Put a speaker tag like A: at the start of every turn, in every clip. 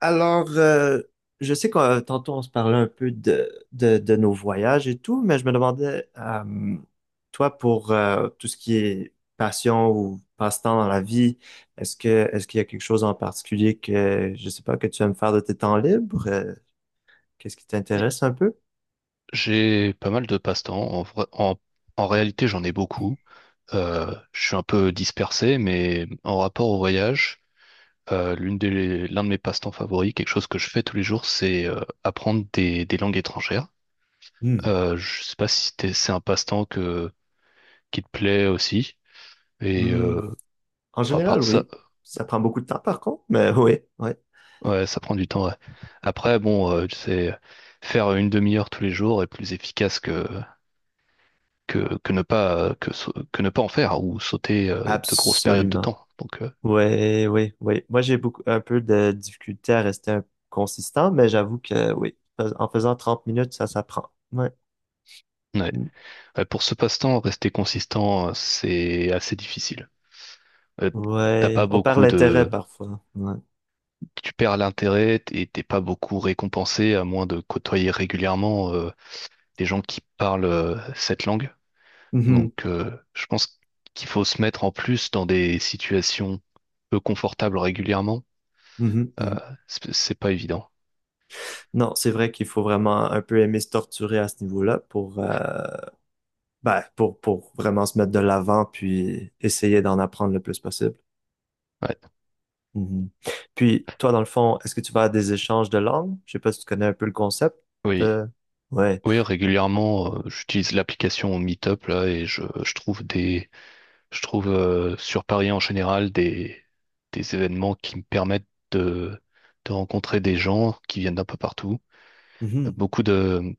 A: Alors, euh, je sais que tantôt on se parlait un peu de nos voyages et tout, mais je me demandais, toi, pour tout ce qui est passion ou passe-temps dans la vie, est-ce qu'il y a quelque chose en particulier que, je sais pas, que tu aimes faire de tes temps libres? Qu'est-ce qui t'intéresse un peu?
B: J'ai pas mal de passe-temps. En réalité, j'en ai beaucoup. Je suis un peu dispersé, mais en rapport au voyage, l'un de mes passe-temps favoris, quelque chose que je fais tous les jours, c'est apprendre des langues étrangères.
A: Hmm.
B: Je sais pas si c'est un passe-temps qui te plaît aussi. Et
A: Hmm.
B: euh,
A: En
B: à
A: général,
B: part ça,
A: oui. Ça prend beaucoup de temps, par contre, mais oui, oui,
B: ouais, ça prend du temps. Ouais. Après, bon, c'est faire une demi-heure tous les jours est plus efficace que ne pas en faire ou sauter de grosses périodes de
A: absolument.
B: temps.
A: Ouais, oui, oui. Moi, j'ai beaucoup un peu de difficulté à rester consistant, mais j'avoue que oui, en faisant 30 minutes, ça s'apprend. Ouais.
B: Ouais.
A: Mm.
B: Ouais, pour ce passe-temps, rester consistant, c'est assez difficile. Euh, t'as
A: Ouais.
B: pas
A: On perd
B: beaucoup
A: l'intérêt
B: de
A: parfois. Ouais.
B: Tu perds l'intérêt et t'es pas beaucoup récompensé à moins de côtoyer régulièrement des gens qui parlent cette langue.
A: Mhm.
B: Je pense qu'il faut se mettre en plus dans des situations peu confortables régulièrement.
A: Mhm.
B: Euh,
A: Mhm.
B: c'est pas évident.
A: Non, c'est vrai qu'il faut vraiment un peu aimer se torturer à ce niveau-là pour, ben, pour vraiment se mettre de l'avant puis essayer d'en apprendre le plus possible.
B: Ouais.
A: Mhm. Puis, toi, dans le fond, est-ce que tu vas à des échanges de langues? Je sais pas si tu connais un peu le concept
B: Oui.
A: de... Ouais.
B: Oui, régulièrement, j'utilise l'application Meetup là et je trouve je trouve sur Paris en général des événements qui me permettent de rencontrer des gens qui viennent d'un peu partout. Euh, Beaucoup de,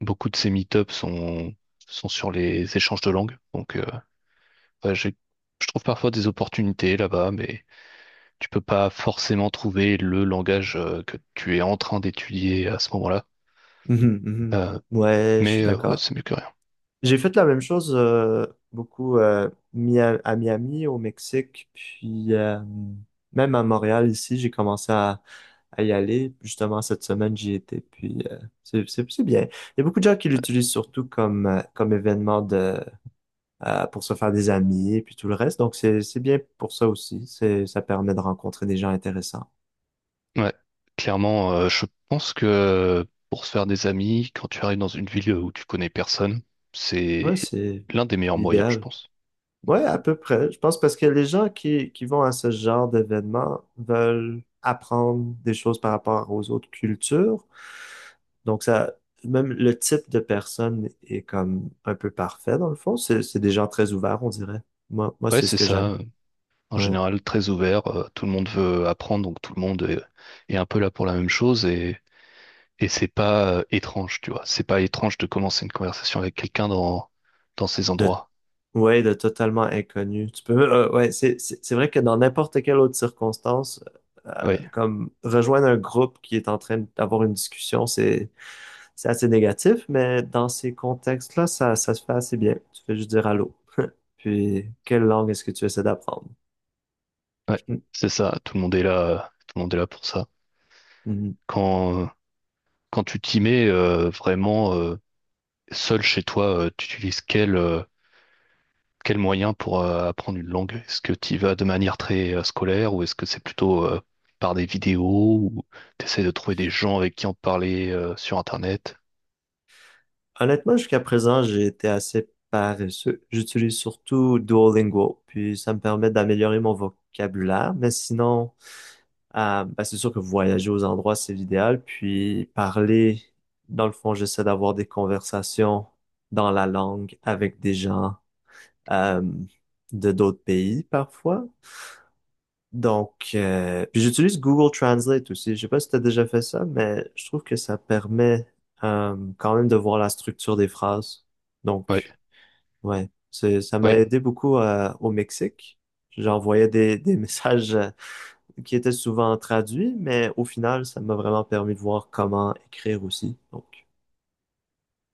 B: beaucoup de ces Meetups sont sur les échanges de langues, ouais, je trouve parfois des opportunités là-bas, mais tu peux pas forcément trouver le langage que tu es en train d'étudier à ce moment-là.
A: Mhm, mhm.
B: Euh,
A: Ouais, je suis
B: ouais,
A: d'accord.
B: c'est mieux que rien.
A: J'ai fait la même chose beaucoup à Miami, au Mexique, puis même à Montréal ici, j'ai commencé à y aller. Justement, cette semaine, j'y étais, puis c'est bien. Il y a beaucoup de gens qui l'utilisent surtout comme, comme événement de, pour se faire des amis, puis tout le reste. Donc, c'est bien pour ça aussi. Ça permet de rencontrer des gens intéressants.
B: Ouais, clairement, je pense que pour se faire des amis, quand tu arrives dans une ville où tu connais personne,
A: Ouais,
B: c'est
A: c'est
B: l'un des meilleurs moyens, je
A: idéal.
B: pense. Ouais.
A: Ouais, à peu près. Je pense parce que les gens qui vont à ce genre d'événements veulent apprendre des choses par rapport aux autres cultures. Donc ça, même le type de personne est comme un peu parfait dans le fond. C'est des gens très ouverts, on dirait. Moi,
B: Ouais,
A: c'est ce
B: c'est
A: que j'aime.
B: ça. En
A: Ouais.
B: général, très ouvert. Tout le monde veut apprendre, donc tout le monde est, est un peu là pour la même chose. Et c'est pas étrange, tu vois. C'est pas étrange de commencer une conversation avec quelqu'un dans ces
A: De
B: endroits.
A: Ouais, de totalement inconnu. Tu peux, ouais, c'est vrai que dans n'importe quelle autre circonstance,
B: Oui,
A: comme rejoindre un groupe qui est en train d'avoir une discussion, c'est assez négatif, mais dans ces contextes-là, ça se fait assez bien. Tu fais juste dire allô. Puis, quelle langue est-ce que tu essaies d'apprendre?
B: ouais,
A: Mhm.
B: c'est ça. Tout le monde est là, tout le monde est là pour ça.
A: Mhm.
B: Quand, quand tu t'y mets vraiment seul chez toi, tu utilises quel moyen pour apprendre une langue? Est-ce que tu y vas de manière très scolaire ou est-ce que c'est plutôt par des vidéos ou t'essaies de trouver des gens avec qui en parler sur Internet?
A: Honnêtement, jusqu'à présent, j'ai été assez paresseux. J'utilise surtout Duolingo, puis ça me permet d'améliorer mon vocabulaire, mais sinon, c'est sûr que voyager aux endroits, c'est l'idéal. Puis parler, dans le fond, j'essaie d'avoir des conversations dans la langue avec des gens euh, de d'autres pays parfois. Donc, puis j'utilise Google Translate aussi. Je sais pas si tu as déjà fait ça, mais je trouve que ça permet quand même de voir la structure des phrases.
B: Ouais,
A: Donc, ouais, ça m'a
B: ouais,
A: aidé beaucoup au Mexique. J'envoyais des messages qui était souvent traduit, mais au final, ça m'a vraiment permis de voir comment écrire aussi. Donc,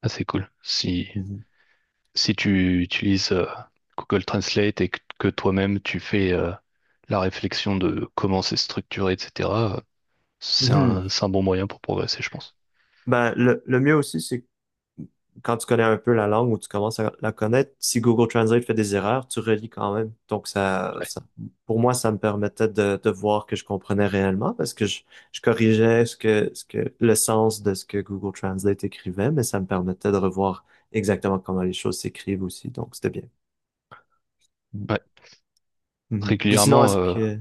B: ah, c'est cool. Si
A: mhm.
B: si tu utilises Google Translate et que toi-même tu fais la réflexion de comment c'est structuré, etc., euh,
A: Mhm.
B: c'est un bon moyen pour progresser, je pense.
A: Ben, le mieux aussi, c'est quand tu connais un peu la langue ou tu commences à la connaître, si Google Translate fait des erreurs, tu relis quand même. Donc, ça pour moi, ça me permettait de voir que je comprenais réellement parce que je corrigeais le sens de ce que Google Translate écrivait, mais ça me permettait de revoir exactement comment les choses s'écrivent aussi. Donc, c'était bien.
B: Ouais.
A: Mhm. Puis sinon,
B: Régulièrement,
A: est-ce que...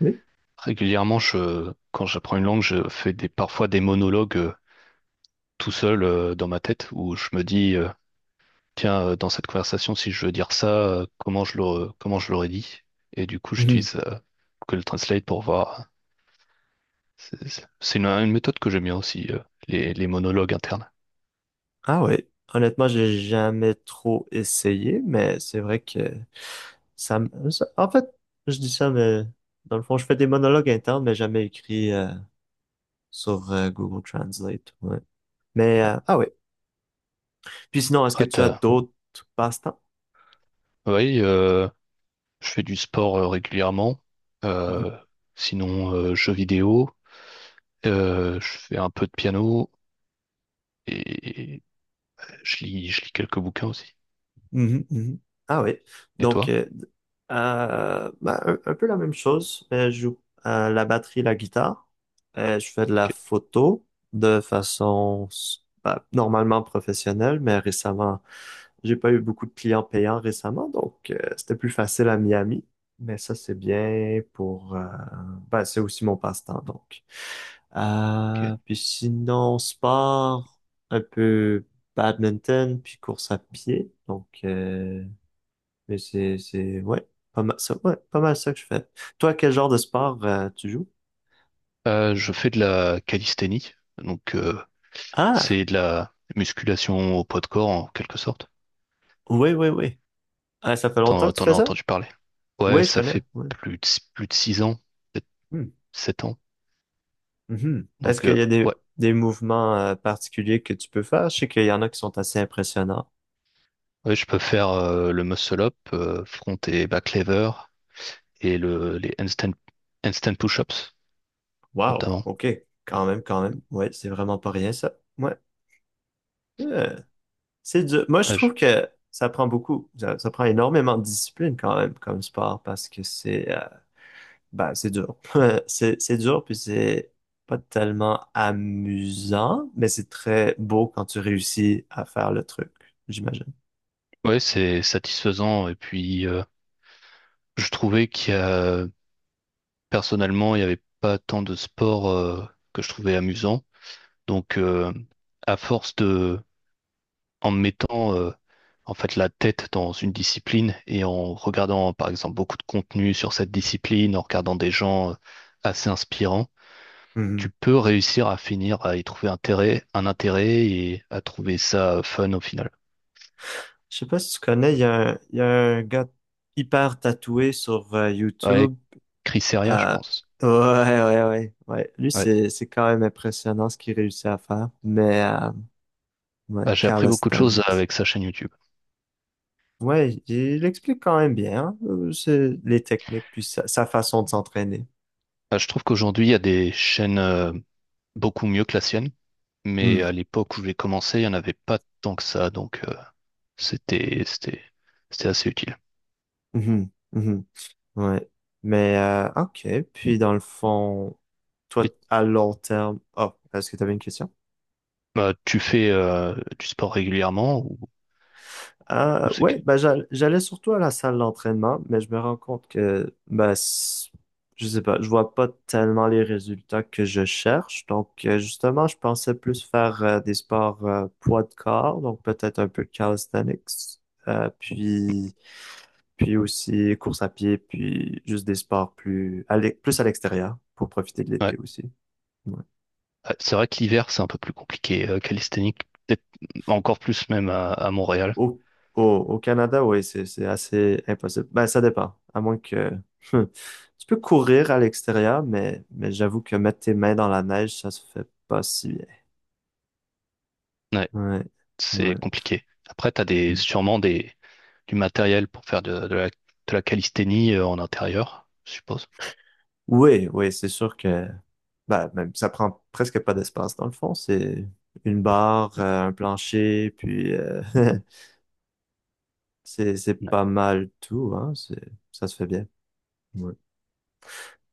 A: Oui?
B: je, quand j'apprends une langue, parfois des monologues tout seul dans ma tête où je me dis, tiens, dans cette conversation, si je veux dire ça, comment je l'aurais dit? Et du coup, j'utilise Google Translate pour voir. Une méthode que j'aime bien aussi, les monologues internes.
A: Ah oui, honnêtement, j'ai jamais trop essayé, mais c'est vrai que en fait, je dis ça, mais dans le fond, je fais des monologues internes, mais jamais écrits sur Google Translate. Ouais. Mais ah oui. Puis sinon, est-ce que
B: Ouais,
A: tu as
B: t'as-
A: d'autres passe-temps?
B: oui, je fais du sport régulièrement. Euh, Sinon, jeux vidéo. Je fais un peu de piano et je lis quelques bouquins aussi.
A: Mhm, mhm. Ah oui.
B: Et
A: Donc,
B: toi?
A: bah, un peu la même chose. Je joue la batterie, la guitare. Je fais de la
B: Ok,
A: photo de façon bah, normalement professionnelle, mais récemment, j'ai pas eu beaucoup de clients payants récemment, donc c'était plus facile à Miami. Mais ça, c'est bien pour... bah, c'est aussi mon passe-temps, donc.
B: ok.
A: Puis sinon, sport, un peu badminton, puis course à pied. Donc, mais ouais, pas mal ça, ouais, pas mal ça que je fais. Toi, quel genre de sport tu joues?
B: Je fais de la calisthénie. Donc,
A: Ah,
B: c'est de la musculation au poids de corps en quelque sorte.
A: oui. Ah, ça fait longtemps que tu
B: T'en as
A: fais ça?
B: entendu parler? Ouais,
A: Oui, je
B: ça
A: connais.
B: fait
A: Ouais.
B: plus de, plus de 6 ans, peut-être
A: Hmm,
B: 7 ans.
A: mhm. Est-ce
B: Donc,
A: qu'il y a
B: ouais.
A: des mouvements particuliers que tu peux faire? Je sais qu'il y en a qui sont assez impressionnants.
B: Ouais, je peux faire le muscle up, front et back lever, et les handstand, handstand push-ups,
A: Wow,
B: notamment.
A: ok, quand même, quand même. Ouais, c'est vraiment pas rien ça. Ouais. Ouais. C'est dur. Moi, je
B: Ouais,
A: trouve
B: je-
A: que ça prend beaucoup, ça prend énormément de discipline quand même comme sport parce que c'est ben, c'est dur. C'est dur puis c'est pas tellement amusant, mais c'est très beau quand tu réussis à faire le truc, j'imagine.
B: ouais, c'est satisfaisant. Et puis, je trouvais personnellement, il n'y avait pas tant de sports que je trouvais amusants. Donc, à force de, en mettant en fait la tête dans une discipline et en regardant, par exemple, beaucoup de contenu sur cette discipline, en regardant des gens assez inspirants,
A: Mhm.
B: tu peux réussir à finir à y trouver un intérêt et à trouver ça fun au final.
A: Je sais pas si tu connais, il y a un gars hyper tatoué sur
B: Ouais,
A: YouTube.
B: Crisseria, je
A: Ah,
B: pense.
A: ouais. Lui,
B: Ouais.
A: c'est quand même impressionnant ce qu'il réussit à faire. Mais, ouais,
B: Ah, j'ai appris beaucoup de choses
A: calisthenics.
B: avec sa chaîne YouTube.
A: Ouais, il explique quand même bien, hein, c'est les techniques, puis sa façon de s'entraîner.
B: Ah, je trouve qu'aujourd'hui, il y a des chaînes beaucoup mieux que la sienne, mais
A: Hmm,
B: à l'époque où j'ai commencé, il n'y en avait pas tant que ça, c'était, c'était, c'était assez utile.
A: mhm, mhm, ouais. Mais, ok. Puis, dans le fond, toi,
B: Et,
A: à long terme, oh, est-ce que tu avais une question?
B: bah, tu fais du sport régulièrement ou c'est
A: Ouais,
B: que...
A: j'allais surtout à la salle d'entraînement, mais je me rends compte que je sais pas, je vois pas tellement les résultats que je cherche. Donc justement, je pensais plus faire des sports poids de corps, donc peut-être un peu de calisthenics, euh, puis puis aussi course à pied, puis juste des sports plus à plus à l'extérieur pour profiter de
B: Ouais.
A: l'été aussi. Ouais.
B: Ah, c'est vrai que l'hiver, c'est un peu plus compliqué. Calisthénique, peut-être encore plus même à Montréal.
A: Au, Au Canada, oui, c'est assez impossible. Ben, ça dépend. À moins que tu peux courir à l'extérieur, mais j'avoue que mettre tes mains dans la neige, ça se fait pas si bien.
B: Ouais,
A: Ouais,
B: c'est
A: ouais.
B: compliqué. Après, tu as
A: Mhm.
B: sûrement du matériel pour faire de la calisthénie en intérieur, je suppose.
A: Oui, oui, c'est sûr que ben, même, ça prend presque pas d'espace dans le fond. C'est une barre, un plancher, puis c'est
B: Ouais.
A: pas mal tout, hein. C'est, ça se fait bien. Ouais.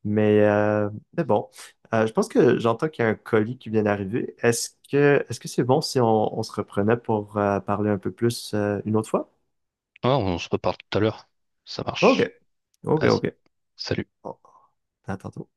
A: Mais, euh, mais bon, je pense que j'entends qu'il y a un colis qui vient d'arriver. Est-ce que c'est bon si on, on se reprenait pour parler un peu plus une autre fois?
B: Ah, on se reparle tout à l'heure. Ça
A: OK,
B: marche.
A: OK,
B: Vas-y.
A: OK.
B: Salut.
A: Bon, à tantôt.